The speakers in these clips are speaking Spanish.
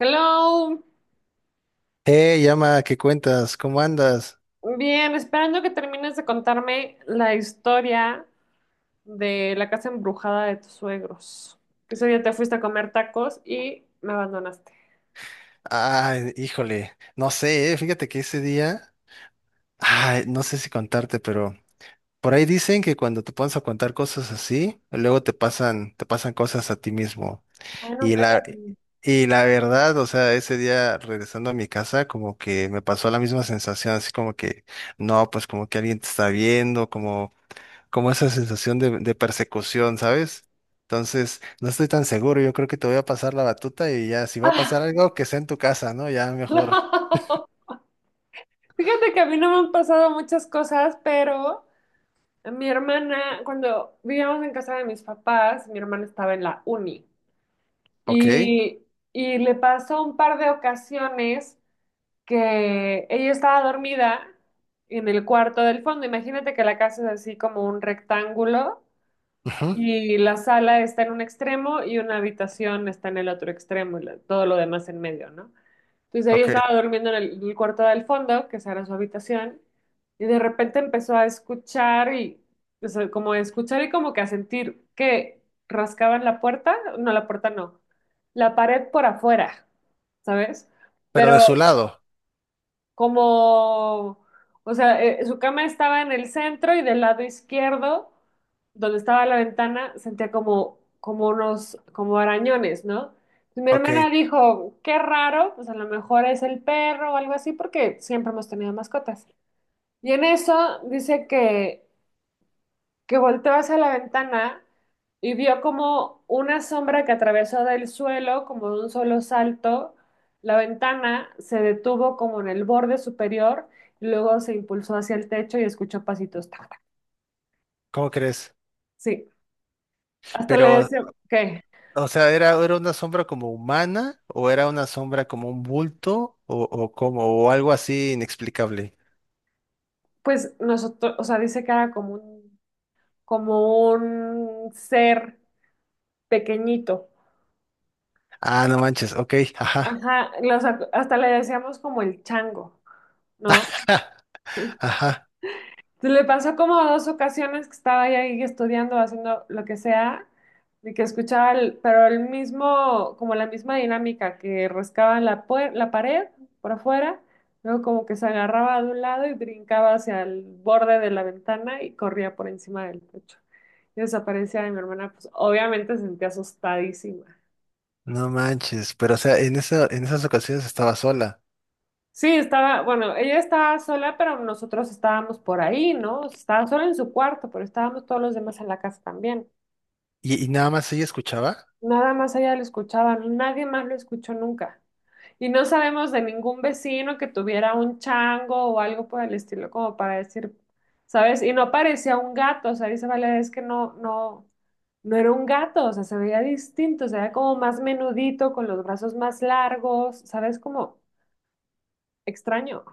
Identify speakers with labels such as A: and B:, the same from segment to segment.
A: Hello,
B: Hey, llama, ¿qué cuentas? ¿Cómo andas?
A: bien, esperando que termines de contarme la historia de la casa embrujada de tus suegros. Que ese día te fuiste a comer tacos y me abandonaste.
B: Ay, híjole, no sé, fíjate que ese día, ay, no sé si contarte, pero por ahí dicen que cuando te pones a contar cosas así, luego te pasan cosas a ti mismo.
A: Ay, no,
B: Y la,
A: cállate.
B: y la verdad, o sea, ese día regresando a mi casa, como que me pasó la misma sensación, así como que, no, pues como que alguien te está viendo, como esa sensación de persecución, ¿sabes? Entonces, no estoy tan seguro, yo creo que te voy a pasar la batuta y ya, si va a
A: Ah,
B: pasar algo, que sea en tu casa, ¿no? Ya mejor.
A: no. Fíjate que a mí no me han pasado muchas cosas, pero mi hermana, cuando vivíamos en casa de mis papás, mi hermana estaba en la uni
B: Ok,
A: y, y le pasó un par de ocasiones que ella estaba dormida en el cuarto del fondo. Imagínate que la casa es así como un rectángulo
B: ujú,
A: y la sala está en un extremo y una habitación está en el otro extremo y la- todo lo demás en medio, ¿no? Entonces ella
B: ok,
A: estaba durmiendo en el cuarto del fondo, que esa era su habitación, y de repente empezó a escuchar y, o sea, como a escuchar y como que a sentir que rascaban la puerta, no, la puerta no, la pared por afuera, ¿sabes?
B: pero de
A: Pero
B: su lado,
A: como, o sea, su cama estaba en el centro y del lado izquierdo, donde estaba la ventana, sentía como, como unos, como arañones, ¿no? Y mi
B: ok,
A: hermana dijo, qué raro, pues a lo mejor es el perro o algo así, porque siempre hemos tenido mascotas. Y en eso dice que volteó hacia la ventana y vio como una sombra que atravesó del suelo, como de un solo salto. La ventana se detuvo como en el borde superior, y luego se impulsó hacia el techo y escuchó pasitos. Tac, tac.
B: ¿cómo crees?
A: Sí, hasta le
B: Pero,
A: decía, ¿qué?
B: o sea, ¿era una sombra como humana o era una sombra como un bulto o como, o algo así inexplicable?
A: Pues nosotros, o sea, dice que era como un ser pequeñito.
B: Ah, no manches, ok, ajá,
A: Ajá, hasta le decíamos como el chango, ¿no?
B: ajá,
A: Le pasó como dos ocasiones que estaba ya ahí estudiando, haciendo lo que sea, y que escuchaba, pero el mismo, como la misma dinámica, que rascaba la pared por afuera, luego como que se agarraba de un lado y brincaba hacia el borde de la ventana y corría por encima del techo. Y desaparecía y mi hermana, pues obviamente se sentía asustadísima.
B: no manches, pero o sea, en esas ocasiones estaba sola.
A: Sí, estaba, bueno, ella estaba sola, pero nosotros estábamos por ahí, ¿no? Estaba sola en su cuarto, pero estábamos todos los demás en la casa también.
B: ¿Y nada más ella escuchaba?
A: Nada más ella lo escuchaba, nadie más lo escuchó nunca. Y no sabemos de ningún vecino que tuviera un chango o algo por el estilo, como para decir, ¿sabes? Y no parecía un gato, o sea, dice Valeria, es que no, no, no era un gato, o sea, se veía distinto, se veía como más menudito, con los brazos más largos, ¿sabes? Como extraño.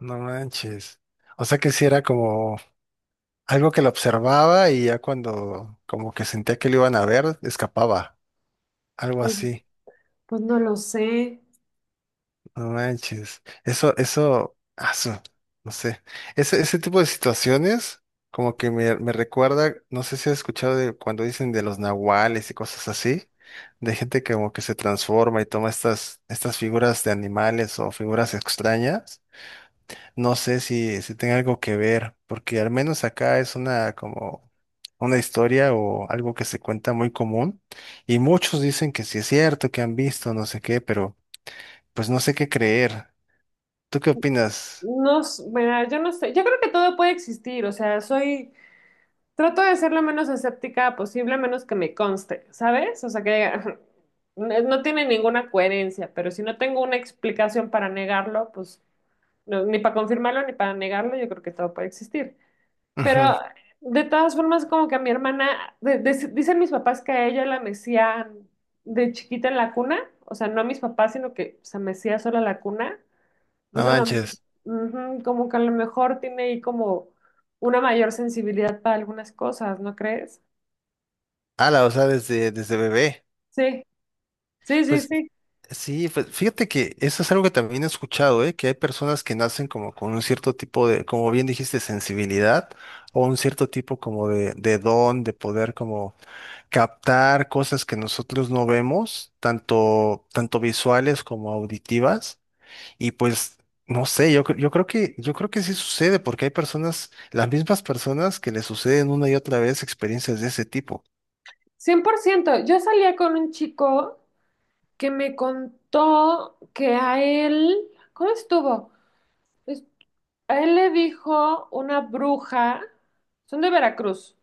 B: No manches. O sea que sí era como algo que lo observaba y ya cuando como que sentía que lo iban a ver, escapaba. Algo
A: Pues,
B: así.
A: pues no lo sé.
B: No manches. No sé. Ese tipo de situaciones como que me recuerda, no sé si has escuchado de cuando dicen de los nahuales y cosas así, de gente que como que se transforma y toma estas figuras de animales o figuras extrañas. No sé si tenga algo que ver, porque al menos acá es una como una historia o algo que se cuenta muy común y muchos dicen que sí es cierto, que han visto, no sé qué, pero pues no sé qué creer. ¿Tú qué opinas?
A: No, mira, yo no sé. Yo creo que todo puede existir, o sea, soy trato de ser lo menos escéptica posible, a menos que me conste, ¿sabes? O sea que diga, no no tiene ninguna coherencia, pero si no tengo una explicación para negarlo, pues ni para confirmarlo ni para negarlo, yo creo que todo puede existir.
B: Ujú,
A: Pero de todas formas, como que a mi hermana, dicen mis papás que a ella la mecían de chiquita en la cuna, o sea, no a mis papás, sino que se mecía sola la cuna.
B: no
A: Entonces,
B: manches.
A: ujú, como que a lo mejor tiene ahí como una mayor sensibilidad para algunas cosas, ¿no crees?
B: Ala, o sea, desde bebé.
A: Sí, sí, sí,
B: Pues
A: sí.
B: sí, pues fíjate que eso es algo que también he escuchado, ¿eh? Que hay personas que nacen como con un cierto tipo de, como bien dijiste, sensibilidad o un cierto tipo como de don, de poder como captar cosas que nosotros no vemos, tanto visuales como auditivas. Y pues, no sé, yo creo que sí sucede, porque hay personas, las mismas personas que le suceden una y otra vez experiencias de ese tipo.
A: 100%. Yo salía con un chico que me contó que a él, ¿cómo estuvo? Es- A él le dijo una bruja, son de Veracruz,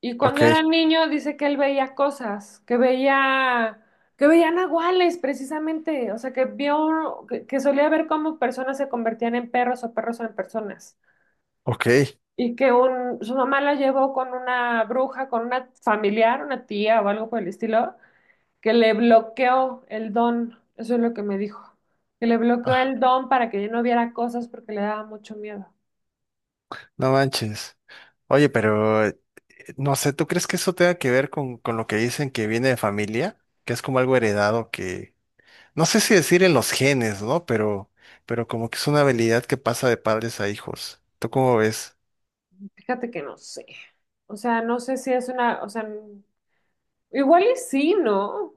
A: y
B: Ok,
A: cuando era niño dice que él veía cosas, que veía nahuales precisamente, o sea, que vio, que solía ver cómo personas se convertían en perros o perros en personas.
B: ok.
A: Y que un, su mamá la llevó con una bruja, con una familiar, una tía o algo por el estilo, que le bloqueó el don, eso es lo que me dijo, que le bloqueó
B: Ah,
A: el don para que ella no viera cosas porque le daba mucho miedo.
B: no manches. Oye, pero no sé, ¿tú crees que eso tenga que ver con lo que dicen que viene de familia? Que es como algo heredado. No sé si decir en los genes, ¿no? Pero como que es una habilidad que pasa de padres a hijos. ¿Tú cómo ves?
A: Fíjate que no sé, o sea, no sé si es una, o sea, igual y sí, ¿no?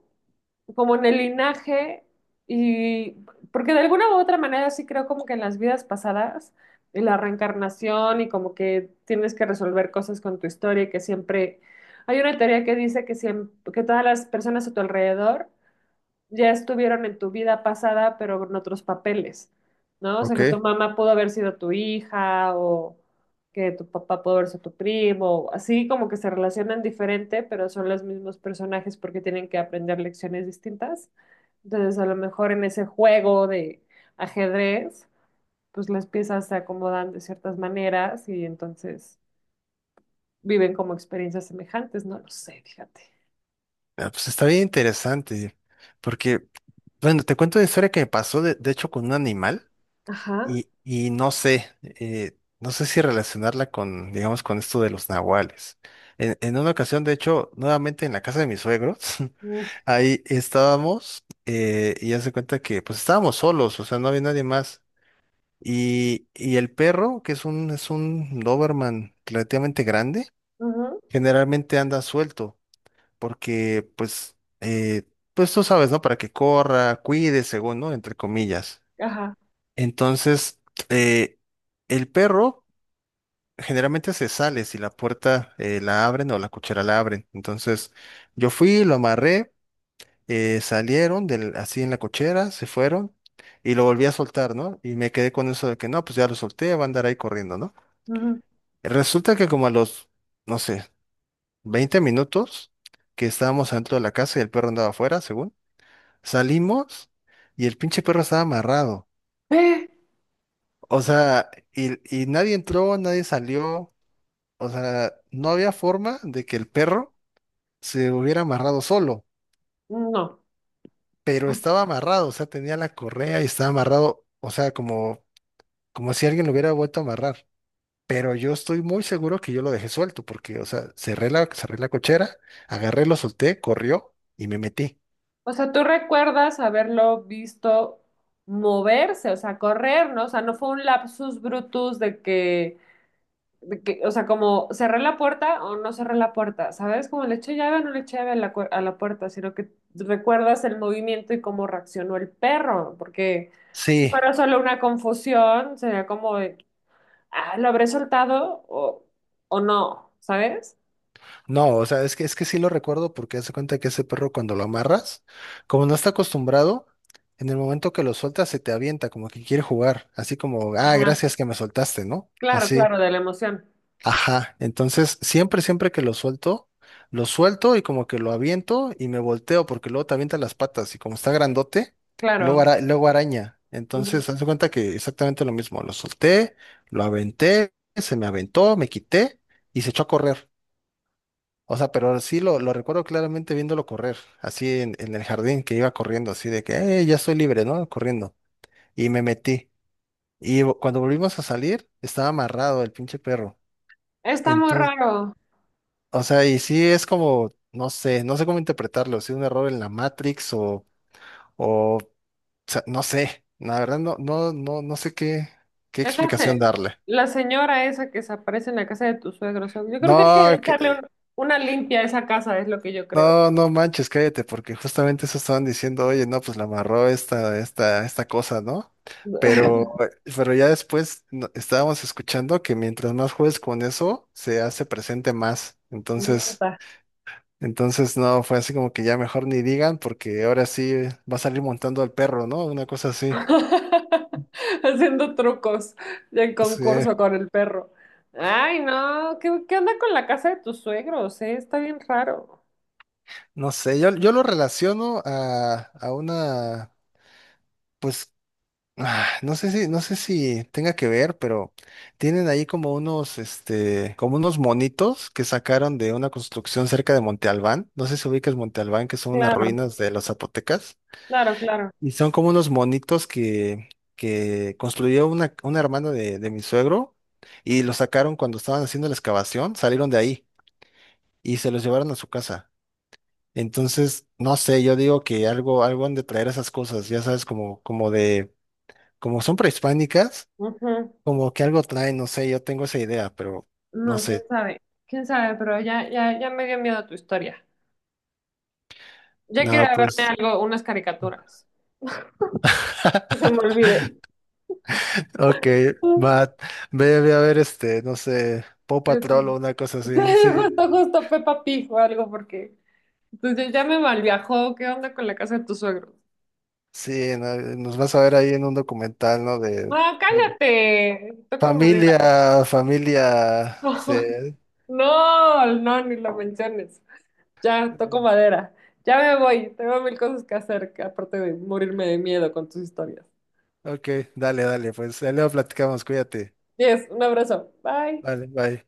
A: Como en el linaje y porque de alguna u otra manera sí creo como que en las vidas pasadas y la reencarnación y como que tienes que resolver cosas con tu historia y que siempre hay una teoría que dice que siempre, que todas las personas a tu alrededor ya estuvieron en tu vida pasada, pero con otros papeles, ¿no? O sea,
B: Ok.
A: que tu mamá pudo haber sido tu hija o que tu papá pudo haber sido tu primo, así como que se relacionan diferente, pero son los mismos personajes porque tienen que aprender lecciones distintas. Entonces, a lo mejor en ese juego de ajedrez, pues las piezas se acomodan de ciertas maneras y entonces viven como experiencias semejantes, no lo sé, fíjate.
B: Ah, pues está bien interesante. Porque, bueno, te cuento una historia que me pasó, de hecho, con un animal.
A: Ajá.
B: Y no sé, no sé si relacionarla con, digamos, con esto de los nahuales. En una ocasión, de hecho, nuevamente en la casa de mis suegros,
A: Uf.
B: ahí estábamos, y ya se cuenta que pues estábamos solos, o sea, no había nadie más. Y el perro, que es un Doberman relativamente grande,
A: Ujú.
B: generalmente anda suelto, porque pues, pues tú sabes, ¿no? Para que corra, cuide, según, ¿no? Entre comillas.
A: Ajá.
B: Entonces, eh, el perro generalmente se sale si la puerta la abren o la cochera la abren. Entonces, yo fui, lo amarré, salieron del, así en la cochera, se fueron y lo volví a soltar, ¿no? Y me quedé con eso de que no, pues ya lo solté, va a andar ahí corriendo, ¿no?
A: Ujú.
B: Resulta que como a los, no sé, 20 minutos que estábamos adentro de la casa y el perro andaba afuera, según, salimos y el pinche perro estaba amarrado.
A: ¡Eh!
B: O sea, y nadie entró, nadie salió. O sea, no había forma de que el perro se hubiera amarrado solo,
A: No.
B: pero estaba amarrado, o sea, tenía la correa y estaba amarrado, o sea, como si alguien lo hubiera vuelto a amarrar. Pero yo estoy muy seguro que yo lo dejé suelto, porque, o sea, cerré la cochera, agarré, lo solté, corrió y me metí.
A: O sea, tú recuerdas haberlo visto moverse, o sea, correr, ¿no? O sea, no fue un lapsus brutus de que, o sea, como cerré la puerta o no cerré la puerta, ¿sabes? Como le eché llave o no le eché llave a la, a la puerta, sino que recuerdas el movimiento y cómo reaccionó el perro, porque si
B: Sí,
A: solo una confusión, sería como, de, ah, ¿lo habré soltado o no? ¿Sabes?
B: no, o sea, es que sí lo recuerdo porque hace cuenta que ese perro cuando lo amarras, como no está acostumbrado, en el momento que lo sueltas se te avienta, como que quiere jugar, así como, ah,
A: Ajá.
B: gracias que me soltaste, ¿no?
A: Claro,
B: Así.
A: claro, de la emoción.
B: Ajá, entonces siempre que lo suelto y como que lo aviento y me volteo porque luego te avienta las patas y como está grandote, luego,
A: Claro.
B: luego araña. Entonces, haz de cuenta que exactamente lo mismo, lo solté, lo aventé, se me aventó, me quité y se echó a correr. O sea, pero sí lo recuerdo claramente viéndolo correr, así en el jardín que iba corriendo, así de que, ya estoy libre, ¿no?" Corriendo. Y me metí. Y cuando volvimos a salir, estaba amarrado el pinche perro.
A: Está muy
B: Entonces,
A: raro.
B: o sea, y sí es como, no sé cómo interpretarlo, si un error en la Matrix o sea, no sé, la verdad no sé qué,
A: Es la,
B: explicación
A: se-
B: darle.
A: la señora esa que se aparece en la casa de tu suegro. Yo creo que hay que
B: No,
A: echarle una limpia a esa casa, es lo que yo creo.
B: no, no manches, cállate, porque justamente eso estaban diciendo, oye, no, pues la amarró esta cosa, ¿no? Pero, ya después estábamos escuchando que mientras más juegues con eso, se hace presente más. Entonces,
A: Nota.
B: Entonces, no, fue así como que ya mejor ni digan, porque ahora sí va a salir montando al perro, ¿no? Una cosa así.
A: Haciendo trucos del
B: Sí,
A: concurso con el perro. Ay, no, ¿qué, qué onda con la casa de tus suegros? ¿Eh? Está bien raro.
B: no sé, yo lo relaciono a una, pues, ah, no sé si tenga que ver, pero tienen ahí como unos, este, como unos monitos que sacaron de una construcción cerca de Monte Albán. No sé si ubicas Monte Albán, que son unas
A: Claro,
B: ruinas de los zapotecas.
A: claro, claro.
B: Y son como unos monitos que construyó una hermana de mi suegro y los sacaron cuando estaban haciendo la excavación, salieron de ahí y se los llevaron a su casa. Entonces, no sé, yo digo que algo han de traer esas cosas, ya sabes, como son prehispánicas,
A: Ujú.
B: como que algo traen, no sé, yo tengo esa idea, pero no
A: No,
B: sé.
A: quién sabe, pero ya, ya, ya me dio miedo tu historia. Ya quiero
B: No,
A: ir a verme
B: pues.
A: algo, unas caricaturas. Que se me olvide.
B: Ok, va, ve a ver este, no sé, Paw
A: Pues,
B: Patrol o una cosa así, sí.
A: justo, justo Peppa Pig o algo, porque entonces ya me malviajó. ¿Qué onda con la casa de tus suegros?
B: Sí, no, nos vas a ver ahí en un documental, ¿no?
A: No,
B: De bueno,
A: cállate, toco madera.
B: familia, familia, sí.
A: No, no, ni lo menciones. Ya, toco madera. Ya me voy, tengo mil cosas que hacer, que aparte de morirme de miedo con tus historias.
B: Ok, dale, dale, pues ahí luego platicamos, cuídate.
A: Yes, un abrazo. Bye.
B: Vale, bye.